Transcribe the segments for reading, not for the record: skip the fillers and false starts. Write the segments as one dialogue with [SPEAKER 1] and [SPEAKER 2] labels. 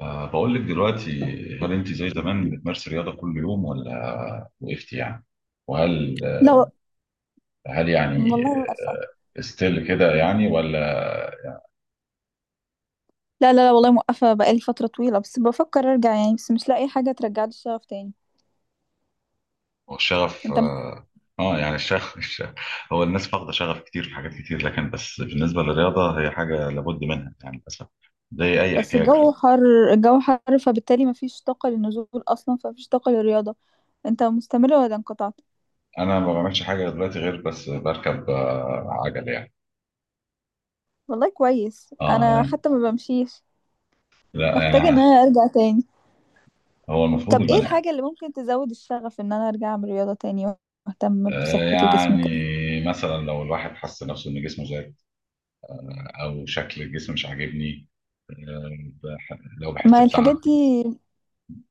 [SPEAKER 1] بقول لك دلوقتي، هل انت زي زمان بتمارسي رياضه كل يوم ولا وقفتي يعني؟ وهل
[SPEAKER 2] لا
[SPEAKER 1] يعني
[SPEAKER 2] والله موقفة.
[SPEAKER 1] ستيل كده يعني ولا؟
[SPEAKER 2] لا، لا، لا، والله موقفة بقالي فترة طويلة، بس بفكر ارجع يعني، بس مش لاقي حاجة ترجعلي الشغف تاني.
[SPEAKER 1] هو الشغف
[SPEAKER 2] انت م-
[SPEAKER 1] اه. يعني الشغف هو الناس فاقده شغف كتير في حاجات كتير، لكن بس بالنسبه للرياضه هي حاجه لابد منها يعني للاسف، زي اي
[SPEAKER 2] بس
[SPEAKER 1] احتياج.
[SPEAKER 2] الجو حر، الجو حر، فبالتالي مفيش طاقة للنزول اصلا، فمفيش طاقة للرياضة. انت مستمرة ولا انقطعت؟
[SPEAKER 1] انا ما بعملش حاجه دلوقتي غير بس بركب عجل يعني.
[SPEAKER 2] والله كويس،
[SPEAKER 1] اه
[SPEAKER 2] انا
[SPEAKER 1] يعني،
[SPEAKER 2] حتى ما بمشيش،
[SPEAKER 1] لا
[SPEAKER 2] محتاجة ان
[SPEAKER 1] يعني
[SPEAKER 2] انا ارجع تاني.
[SPEAKER 1] هو المفروض
[SPEAKER 2] طب ايه
[SPEAKER 1] البني.
[SPEAKER 2] الحاجة اللي ممكن تزود الشغف ان انا ارجع اعمل رياضة تاني واهتم بصحتي وجسمي وكده؟
[SPEAKER 1] يعني مثلا لو الواحد حس نفسه ان جسمه زاد او شكل الجسم مش عاجبني، آه، لو بحس
[SPEAKER 2] ما الحاجات
[SPEAKER 1] بتعب،
[SPEAKER 2] دي.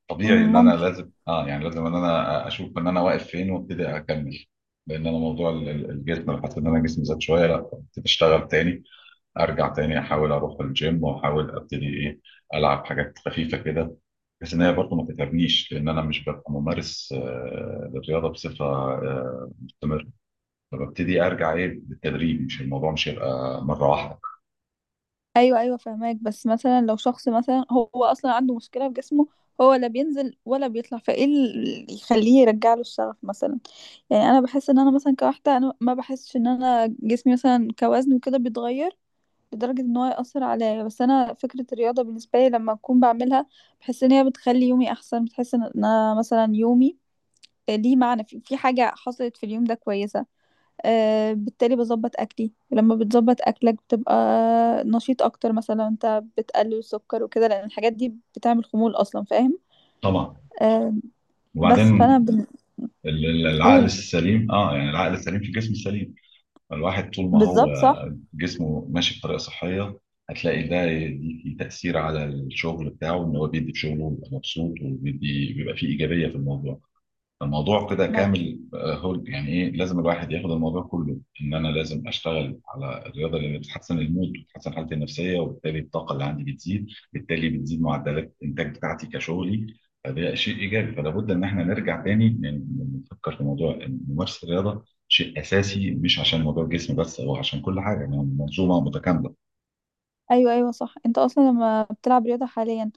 [SPEAKER 1] طبيعي ان انا
[SPEAKER 2] ممكن.
[SPEAKER 1] لازم اه يعني لازم ان انا اشوف ان انا واقف فين وابتدي اكمل. لان انا موضوع الجسم لو حسيت ان انا جسمي زاد شويه، لا ابتدي اشتغل تاني، ارجع تاني احاول اروح الجيم واحاول ابتدي ايه، العب حاجات خفيفه كده، بس ان هي برضه ما تتعبنيش لان انا مش ببقى ممارس للرياضه بصفه مستمره. فببتدي ارجع ايه بالتدريج، مش الموضوع مش هيبقى مره واحده.
[SPEAKER 2] ايوه، ايوه، فهماك. بس مثلا لو شخص مثلا هو اصلا عنده مشكله في جسمه، هو لا بينزل ولا بيطلع، فايه اللي يخليه يرجع له الشغف مثلا؟ يعني انا بحس ان انا مثلا كواحده، انا ما بحسش ان انا جسمي مثلا كوزن وكده بيتغير لدرجه ان هو ياثر عليا، بس انا فكره الرياضه بالنسبه لي لما اكون بعملها، بحس ان هي بتخلي يومي احسن، بتحس ان انا مثلا يومي ليه معنى، في حاجه حصلت في اليوم ده كويسه. آه، بالتالي بظبط اكلي، ولما بتظبط اكلك بتبقى نشيط اكتر، مثلا لو انت بتقلل السكر وكده، لان الحاجات دي بتعمل خمول اصلا. فاهم؟
[SPEAKER 1] طبعا.
[SPEAKER 2] آه. بس فانا.
[SPEAKER 1] وبعدين العقل
[SPEAKER 2] بنقول.
[SPEAKER 1] السليم اه يعني العقل السليم في الجسم السليم. الواحد طول ما هو
[SPEAKER 2] بالظبط، صح.
[SPEAKER 1] جسمه ماشي بطريقه صحيه هتلاقي ده يدي تاثير على الشغل بتاعه، ان هو بيدي في شغله بيبقى مبسوط وبيدي بيبقى فيه ايجابيه في الموضوع. الموضوع كده
[SPEAKER 2] ما...
[SPEAKER 1] كامل. هول يعني ايه، لازم الواحد ياخد الموضوع كله، ان انا لازم اشتغل على الرياضه اللي بتحسن المود وبتحسن حالتي النفسيه، وبالتالي الطاقه اللي عندي بتزيد، بالتالي بتزيد معدلات الانتاج بتاعتي كشغلي. فده شيء ايجابي، فلا بد ان احنا نرجع تاني نفكر في موضوع إن ممارسه الرياضه شيء اساسي، مش عشان موضوع الجسم بس، هو عشان كل حاجه يعني منظومه متكامله.
[SPEAKER 2] ايوه، ايوه، صح. انت اصلا لما بتلعب رياضه حاليا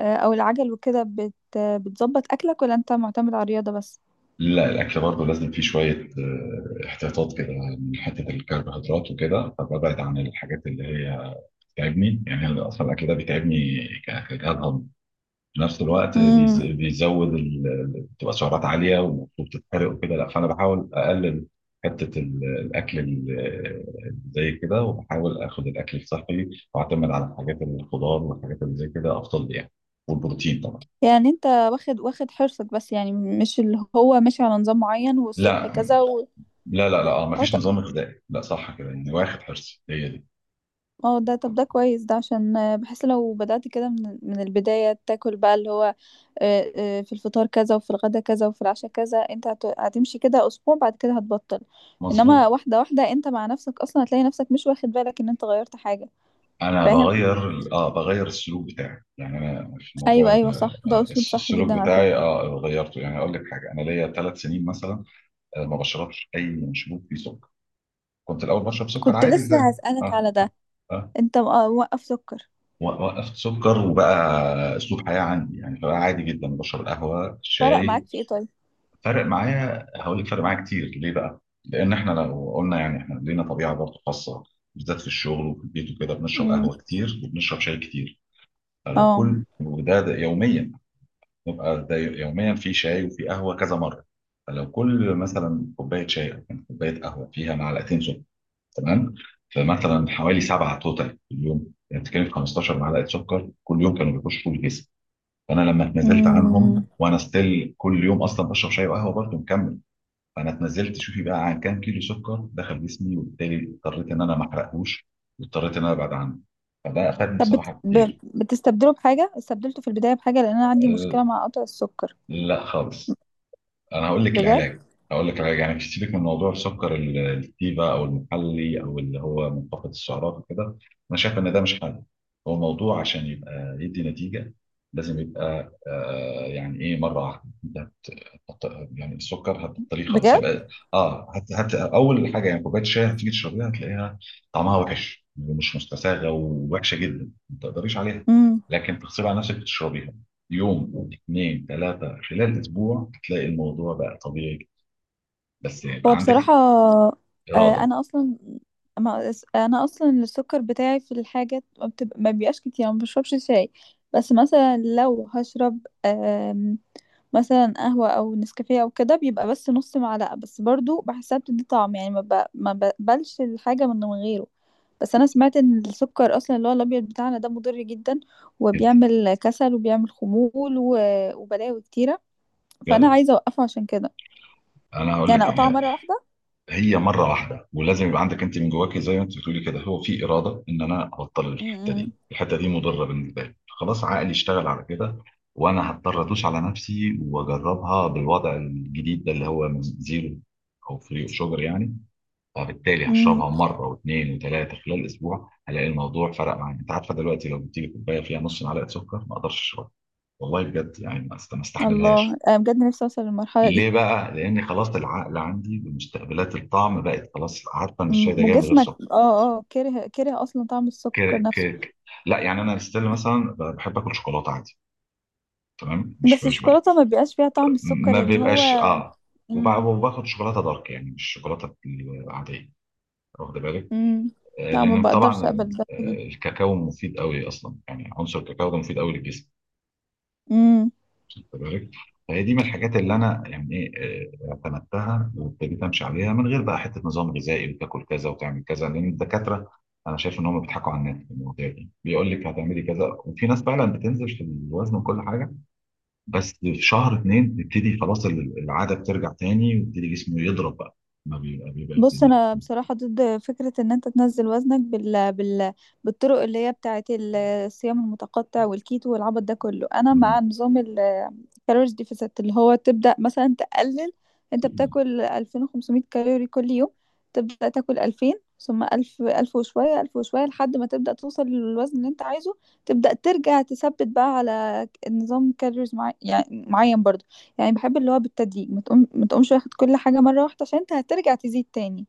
[SPEAKER 2] آه، او العجل وكده، بتظبط اكلك ولا انت معتمد على الرياضه بس؟
[SPEAKER 1] لا، الاكل برضه لازم فيه شويه احتياطات كده، من حته الكربوهيدرات وكده، فببعد عن الحاجات اللي هي بيتعبني، يعني أنا اصلا الاكل ده بيتعبني كجهاز هضمي. في نفس الوقت
[SPEAKER 2] امم.
[SPEAKER 1] بيزود بتبقى سعرات عاليه ومفروض تتحرق وكده، لا فانا بحاول اقلل حته الاكل زي كده، وبحاول اخد الاكل الصحي واعتمد على الحاجات الخضار والحاجات اللي زي كده افضل لي يعني، والبروتين طبعا.
[SPEAKER 2] يعني انت واخد، واخد حرصك، بس يعني مش اللي هو ماشي على نظام معين والصبح
[SPEAKER 1] لا.
[SPEAKER 2] كذا و...
[SPEAKER 1] اه،
[SPEAKER 2] اه،
[SPEAKER 1] مفيش نظام غذائي، لا صح كده يعني، واخد حرصي، هي دي.
[SPEAKER 2] اه، ده، طب ده كويس، ده عشان بحس لو بدأت كده من البداية تاكل بقى اللي هو في الفطار كذا، وفي الغدا كذا، وفي العشاء كذا، انت هتمشي كده اسبوع، بعد كده هتبطل. انما
[SPEAKER 1] مظبوط.
[SPEAKER 2] واحدة واحدة انت مع نفسك، اصلا هتلاقي نفسك مش واخد بالك ان انت غيرت حاجة.
[SPEAKER 1] انا
[SPEAKER 2] فاهم.
[SPEAKER 1] بغير. اه بغير السلوك بتاعي، يعني انا في موضوع
[SPEAKER 2] ايوه، ايوه، صح، ده اسلوب صح
[SPEAKER 1] السلوك
[SPEAKER 2] جدا على
[SPEAKER 1] بتاعي
[SPEAKER 2] فكرة.
[SPEAKER 1] اه غيرته، يعني اقول لك حاجه، انا ليا 3 سنين مثلا ما بشربش اي مشروب فيه سكر. كنت الاول بشرب سكر
[SPEAKER 2] كنت
[SPEAKER 1] عادي ازاي.
[SPEAKER 2] لسه هسألك
[SPEAKER 1] اه.
[SPEAKER 2] على ده.
[SPEAKER 1] اه.
[SPEAKER 2] انت موقف سكر؟
[SPEAKER 1] وقفت سكر وبقى اسلوب حياه عندي يعني، فبقى عادي جدا بشرب القهوه
[SPEAKER 2] فرق
[SPEAKER 1] الشاي.
[SPEAKER 2] معاك في ايه طيب؟
[SPEAKER 1] فرق معايا هقول لك، فرق معايا كتير، ليه بقى؟ لان احنا لو قلنا يعني احنا لينا طبيعه برضه خاصه، بالذات في الشغل وفي البيت وكده بنشرب
[SPEAKER 2] امم.
[SPEAKER 1] قهوه كتير وبنشرب شاي كتير.
[SPEAKER 2] اه.
[SPEAKER 1] كل وده ده يوميا، نبقى ده يوميا في شاي وفي قهوه كذا مره. فلو كل مثلا كوبايه شاي او كوبايه قهوه فيها معلقتين سكر، تمام؟ فمثلا حوالي 7 توتال في اليوم، يعني بتتكلم في 15 معلقه سكر كل يوم كانوا بيخشوا في الجسم. فانا لما اتنزلت
[SPEAKER 2] امم.
[SPEAKER 1] عنهم وانا ستيل كل يوم اصلا بشرب شاي وقهوه برضه مكمل، فانا اتنزلت شوفي بقى عن كام كيلو سكر دخل جسمي، وبالتالي اضطريت ان انا ما احرقهوش واضطريت ان انا ابعد عنه. فده افادني
[SPEAKER 2] طب
[SPEAKER 1] بصراحه كتير.
[SPEAKER 2] بتستبدله بحاجة؟ استبدلته في البداية بحاجة لأن أنا عندي
[SPEAKER 1] أه.
[SPEAKER 2] مشكلة مع قطع السكر.
[SPEAKER 1] لا خالص. انا هقول لك
[SPEAKER 2] بجد.
[SPEAKER 1] العلاج، هقول لك العلاج يعني، سيبك من موضوع السكر الكتيفه او المحلي او اللي هو منخفض السعرات وكده، انا شايف ان ده مش حل. هو موضوع عشان يبقى يدي نتيجه، لازم يبقى آه يعني ايه، مره واحده. هت- يعني السكر هتبطليه خالص،
[SPEAKER 2] بجد.
[SPEAKER 1] هيبقى اه اول حاجه يعني كوبايه شاي هتيجي تشربيها هتلاقيها طعمها وحش، مش مستساغه ووحشه جدا ما تقدريش عليها،
[SPEAKER 2] امم.
[SPEAKER 1] لكن تغصبي على نفسك تشربيها. يوم اثنين ثلاثه خلال اسبوع هتلاقي الموضوع بقى طبيعي جدا. بس
[SPEAKER 2] هو
[SPEAKER 1] يبقى عندك
[SPEAKER 2] بصراحة
[SPEAKER 1] اراده
[SPEAKER 2] انا اصلا، ما انا اصلا السكر بتاعي في الحاجات ما, بتبقى ما بيبقاش كتير، ما بشربش شاي. بس مثلا لو هشرب آم، مثلا قهوة او نسكافيه او كده، بيبقى بس نص معلقة، بس برضو بحسها بتدي طعم يعني، ما بقبلش الحاجة من غيره. بس انا سمعت ان السكر اصلا اللي هو الابيض بتاعنا ده مضر جدا،
[SPEAKER 1] جدا
[SPEAKER 2] وبيعمل كسل وبيعمل خمول و... وبلاوي كتيرة. فانا
[SPEAKER 1] بجد.
[SPEAKER 2] عايزة اوقفه عشان كده،
[SPEAKER 1] انا هقول
[SPEAKER 2] يعني
[SPEAKER 1] لك
[SPEAKER 2] اقطعه
[SPEAKER 1] يعني،
[SPEAKER 2] مرة واحدة.
[SPEAKER 1] هي مره واحده ولازم يبقى عندك انت من جواكي زي ما انت بتقولي كده، هو في اراده ان انا ابطل الحته
[SPEAKER 2] امم.
[SPEAKER 1] دي، الحته دي مضره بالنسبه لي، خلاص عقلي اشتغل على كده، وانا هضطر ادوس على نفسي واجربها بالوضع الجديد ده اللي هو من زيرو او فري شوجر يعني. فبالتالي
[SPEAKER 2] امم.
[SPEAKER 1] هشربها مره واثنين وثلاثه خلال اسبوع، هلاقي الموضوع فرق معايا. انت عارفه دلوقتي لو جبت لي كوبايه فيها نص معلقه سكر ما اقدرش اشربها. والله بجد يعني ما
[SPEAKER 2] الله،
[SPEAKER 1] استحملهاش.
[SPEAKER 2] انا بجد نفسي اوصل للمرحلة
[SPEAKER 1] ليه
[SPEAKER 2] دي.
[SPEAKER 1] بقى؟ لأن خلاص العقل عندي بمستقبلات الطعم بقت خلاص عارفة إن الشاي ده جاي من غير
[SPEAKER 2] وجسمك
[SPEAKER 1] سكر.
[SPEAKER 2] كره كره اصلا طعم
[SPEAKER 1] ك...
[SPEAKER 2] السكر
[SPEAKER 1] ك...
[SPEAKER 2] نفسه.
[SPEAKER 1] ك- لا يعني أنا ستيل مثلا بحب آكل شوكولاتة عادي، تمام؟ مش
[SPEAKER 2] بس
[SPEAKER 1] مش
[SPEAKER 2] الشوكولاتة ما بيبقاش فيها طعم
[SPEAKER 1] ما
[SPEAKER 2] السكر اللي هو.
[SPEAKER 1] بيبقاش آه.
[SPEAKER 2] امم.
[SPEAKER 1] وباخد شوكولاتة دارك يعني، مش الشوكولاتة العادية، واخد بالك؟
[SPEAKER 2] امم. لا، ما
[SPEAKER 1] لأن
[SPEAKER 2] بقدرش
[SPEAKER 1] طبعا
[SPEAKER 2] اقبل ده دي.
[SPEAKER 1] الكاكاو مفيد قوي أصلا، يعني عنصر الكاكاو ده مفيد قوي للجسم.
[SPEAKER 2] امم.
[SPEAKER 1] خد بالك، فهي دي من الحاجات اللي انا يعني ايه اعتمدتها وابتديت امشي عليها من غير بقى حته نظام غذائي وتاكل كذا وتعمل كذا، لان الدكاتره انا شايف ان هم بيضحكوا على الناس في المواضيع دي، بيقول لك هتعملي كذا، وفي ناس فعلا بتنزل في الوزن وكل حاجه، بس في شهر اتنين بيبتدي خلاص العاده بترجع تاني ويبتدي جسمه يضرب بقى، ما بيبقى
[SPEAKER 2] بص، انا بصراحه ضد فكره ان انت تنزل وزنك بالطرق اللي هي بتاعه الصيام المتقطع والكيتو والعبط ده كله، انا مع
[SPEAKER 1] مم.
[SPEAKER 2] نظام الكالوريز ديفيسيت اللي هو تبدا مثلا تقلل. انت بتاكل 2500 كالوري كل يوم، تبدا تاكل 2000، ثم 1000، 1000 وشويه، 1000 وشويه، لحد ما تبدا توصل للوزن اللي انت عايزه. تبدا ترجع تثبت بقى على نظام كالوريز معين، يعني معين برضه. يعني بحب اللي هو بالتدريج، ما تقومش واخد كل حاجة مرة واحدة، عشان انت هترجع تزيد تاني.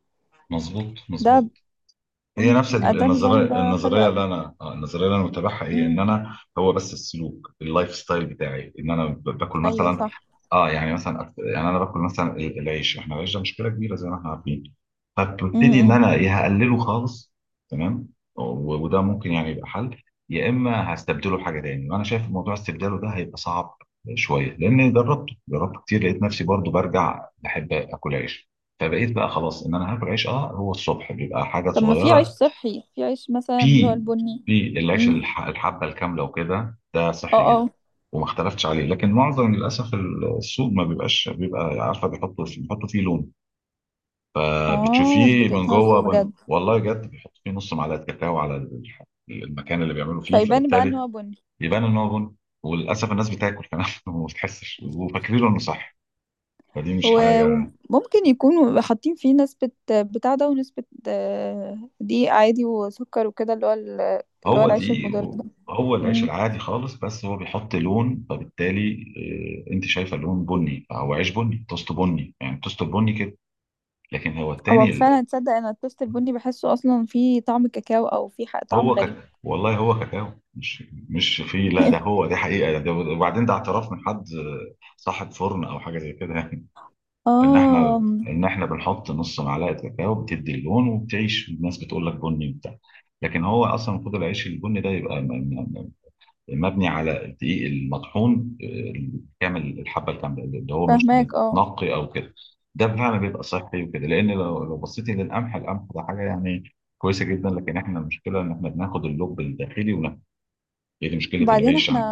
[SPEAKER 1] مظبوط
[SPEAKER 2] ده.
[SPEAKER 1] مظبوط. هي
[SPEAKER 2] امم.
[SPEAKER 1] نفس
[SPEAKER 2] ده نظام، ده حلو
[SPEAKER 1] النظريه
[SPEAKER 2] قوي.
[SPEAKER 1] اللي انا النظريه اللي انا متابعها ايه، ان
[SPEAKER 2] امم.
[SPEAKER 1] انا هو بس السلوك اللايف ستايل بتاعي، ان انا باكل
[SPEAKER 2] ايوه،
[SPEAKER 1] مثلا.
[SPEAKER 2] صح.
[SPEAKER 1] اه يعني مثلا يعني انا باكل مثلا العيش، احنا العيش ده مشكله كبيره زي ما احنا عارفين، فببتدي ان
[SPEAKER 2] امم.
[SPEAKER 1] انا يا هقلله خالص، تمام. وده ممكن يعني يبقى حل، يا اما هستبدله بحاجه تاني، وانا شايف موضوع استبداله ده هيبقى صعب شويه لان جربته كتير لقيت نفسي برضو برجع بحب اكل عيش، فبقيت بقى خلاص ان انا هاكل عيش اه هو الصبح بيبقى حاجه
[SPEAKER 2] طب ما في عيش
[SPEAKER 1] صغيره.
[SPEAKER 2] صحي، في عيش مثلا اللي هو
[SPEAKER 1] في.
[SPEAKER 2] البني.
[SPEAKER 1] في العيش
[SPEAKER 2] امم.
[SPEAKER 1] الحبه الكامله وكده ده
[SPEAKER 2] اه.
[SPEAKER 1] صحي جدا
[SPEAKER 2] اه.
[SPEAKER 1] وما اختلفتش عليه، لكن معظم للاسف السوق ما بيبقاش، بيبقى عارفه بيحطوا فيه، بيحطوا فيه لون،
[SPEAKER 2] اه،
[SPEAKER 1] فبتشوفيه
[SPEAKER 2] بجد
[SPEAKER 1] من
[SPEAKER 2] هزه
[SPEAKER 1] جوه
[SPEAKER 2] بجد.
[SPEAKER 1] والله بجد بيحطوا فيه نص معلقه كاكاو على المكان اللي بيعملوا فيه،
[SPEAKER 2] فيبان بقى ان
[SPEAKER 1] فبالتالي
[SPEAKER 2] هو بني.
[SPEAKER 1] يبان ان هو بن. وللاسف الناس بتاكل كمان وما بتحسش وفاكرينه انه صح، فدي مش حاجه.
[SPEAKER 2] وممكن يكونوا حاطين فيه نسبة بتاع ده ونسبة دقيق عادي وسكر وكده، اللي هو اللي هو
[SPEAKER 1] هو
[SPEAKER 2] العيش
[SPEAKER 1] دي،
[SPEAKER 2] المضر. ده.
[SPEAKER 1] هو العيش العادي خالص، بس هو بيحط لون فبالتالي انت شايفه لون بني، فهو عيش بني توست بني يعني توست بني كده، لكن هو
[SPEAKER 2] هو
[SPEAKER 1] التاني
[SPEAKER 2] فعلا، تصدق انا التوست البني بحسه اصلا فيه طعم كاكاو او فيه طعم
[SPEAKER 1] هو
[SPEAKER 2] غريب.
[SPEAKER 1] كاكاو والله هو كاكاو، مش مش في، لا ده هو دي حقيقه، ده وبعدين ده اعتراف من حد صاحب فرن او حاجه زي كده يعني،
[SPEAKER 2] اه.
[SPEAKER 1] ان احنا بنحط نص معلقه كاكاو بتدي اللون وبتعيش الناس بتقول لك بني وبتاع، لكن هو اصلا المفروض العيش البني ده يبقى مبني على الدقيق المطحون كامل الحبه الكامله اللي هو مش
[SPEAKER 2] فاهماك، اه.
[SPEAKER 1] متنقي او كده. ده فعلا بيبقى صحي وكده، لان لو بصيتي للقمح، القمح ده حاجه يعني كويسه جدا، لكن احنا المشكله ان احنا بناخد اللب الداخلي وناكل، هي دي مشكله
[SPEAKER 2] وبعدين
[SPEAKER 1] العيش
[SPEAKER 2] احنا
[SPEAKER 1] عندنا.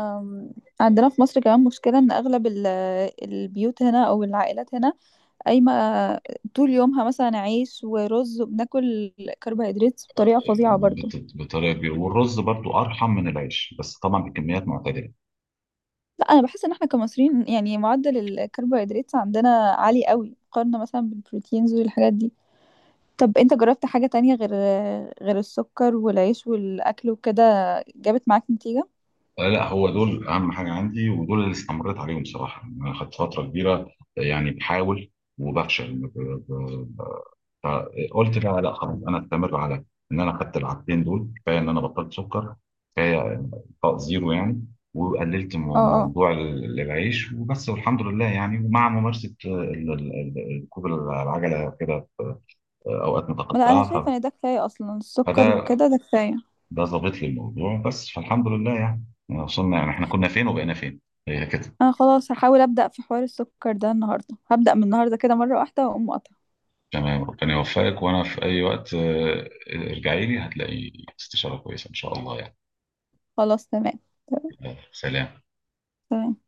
[SPEAKER 2] عندنا في مصر كمان مشكلة، ان اغلب البيوت هنا او العائلات هنا، قايمة طول يومها مثلا عيش ورز، وبناكل كربوهيدرات بطريقة فظيعة برضو.
[SPEAKER 1] بطريقه كبيره، والرز برضو ارحم من العيش بس طبعا بكميات معتدله.
[SPEAKER 2] لا، انا بحس ان احنا كمصريين يعني معدل الكربوهيدرات عندنا عالي قوي، مقارنة مثلا بالبروتينز والحاجات دي. طب انت جربت حاجة تانية غير، غير السكر والعيش والأكل وكده، جابت معاك نتيجة؟
[SPEAKER 1] لا هو دول اهم حاجه عندي ودول اللي استمريت عليهم صراحه، انا خدت فتره كبيره يعني بحاول وبفشل ب- فقلت بقى لا خلاص انا استمر على ان انا خدت العادتين دول كفايه، ان انا بطلت سكر كفايه، انقاء زيرو يعني، وقللت
[SPEAKER 2] اه، اه.
[SPEAKER 1] موضوع العيش وبس، والحمد لله يعني. ومع ممارسه ركوب العجله كده في اوقات
[SPEAKER 2] لا، أنا
[SPEAKER 1] متقطعه
[SPEAKER 2] شايفة إن ده كفاية، أصلا السكر
[SPEAKER 1] فده
[SPEAKER 2] وكده ده كفاية.
[SPEAKER 1] ده ظابط لي الموضوع بس، فالحمد لله يعني، يعني وصلنا يعني، احنا كنا فين وبقينا فين، هي كده.
[SPEAKER 2] أنا خلاص هحاول أبدأ في حوار السكر ده النهاردة، هبدأ من النهاردة كده مرة واحدة وأقوم قاطعة.
[SPEAKER 1] تمام، ربنا يوفقك، وانا في اي وقت ارجعي لي هتلاقي استشاره كويسه ان شاء الله يعني.
[SPEAKER 2] خلاص، تمام.
[SPEAKER 1] سلام.
[SPEAKER 2] تمام.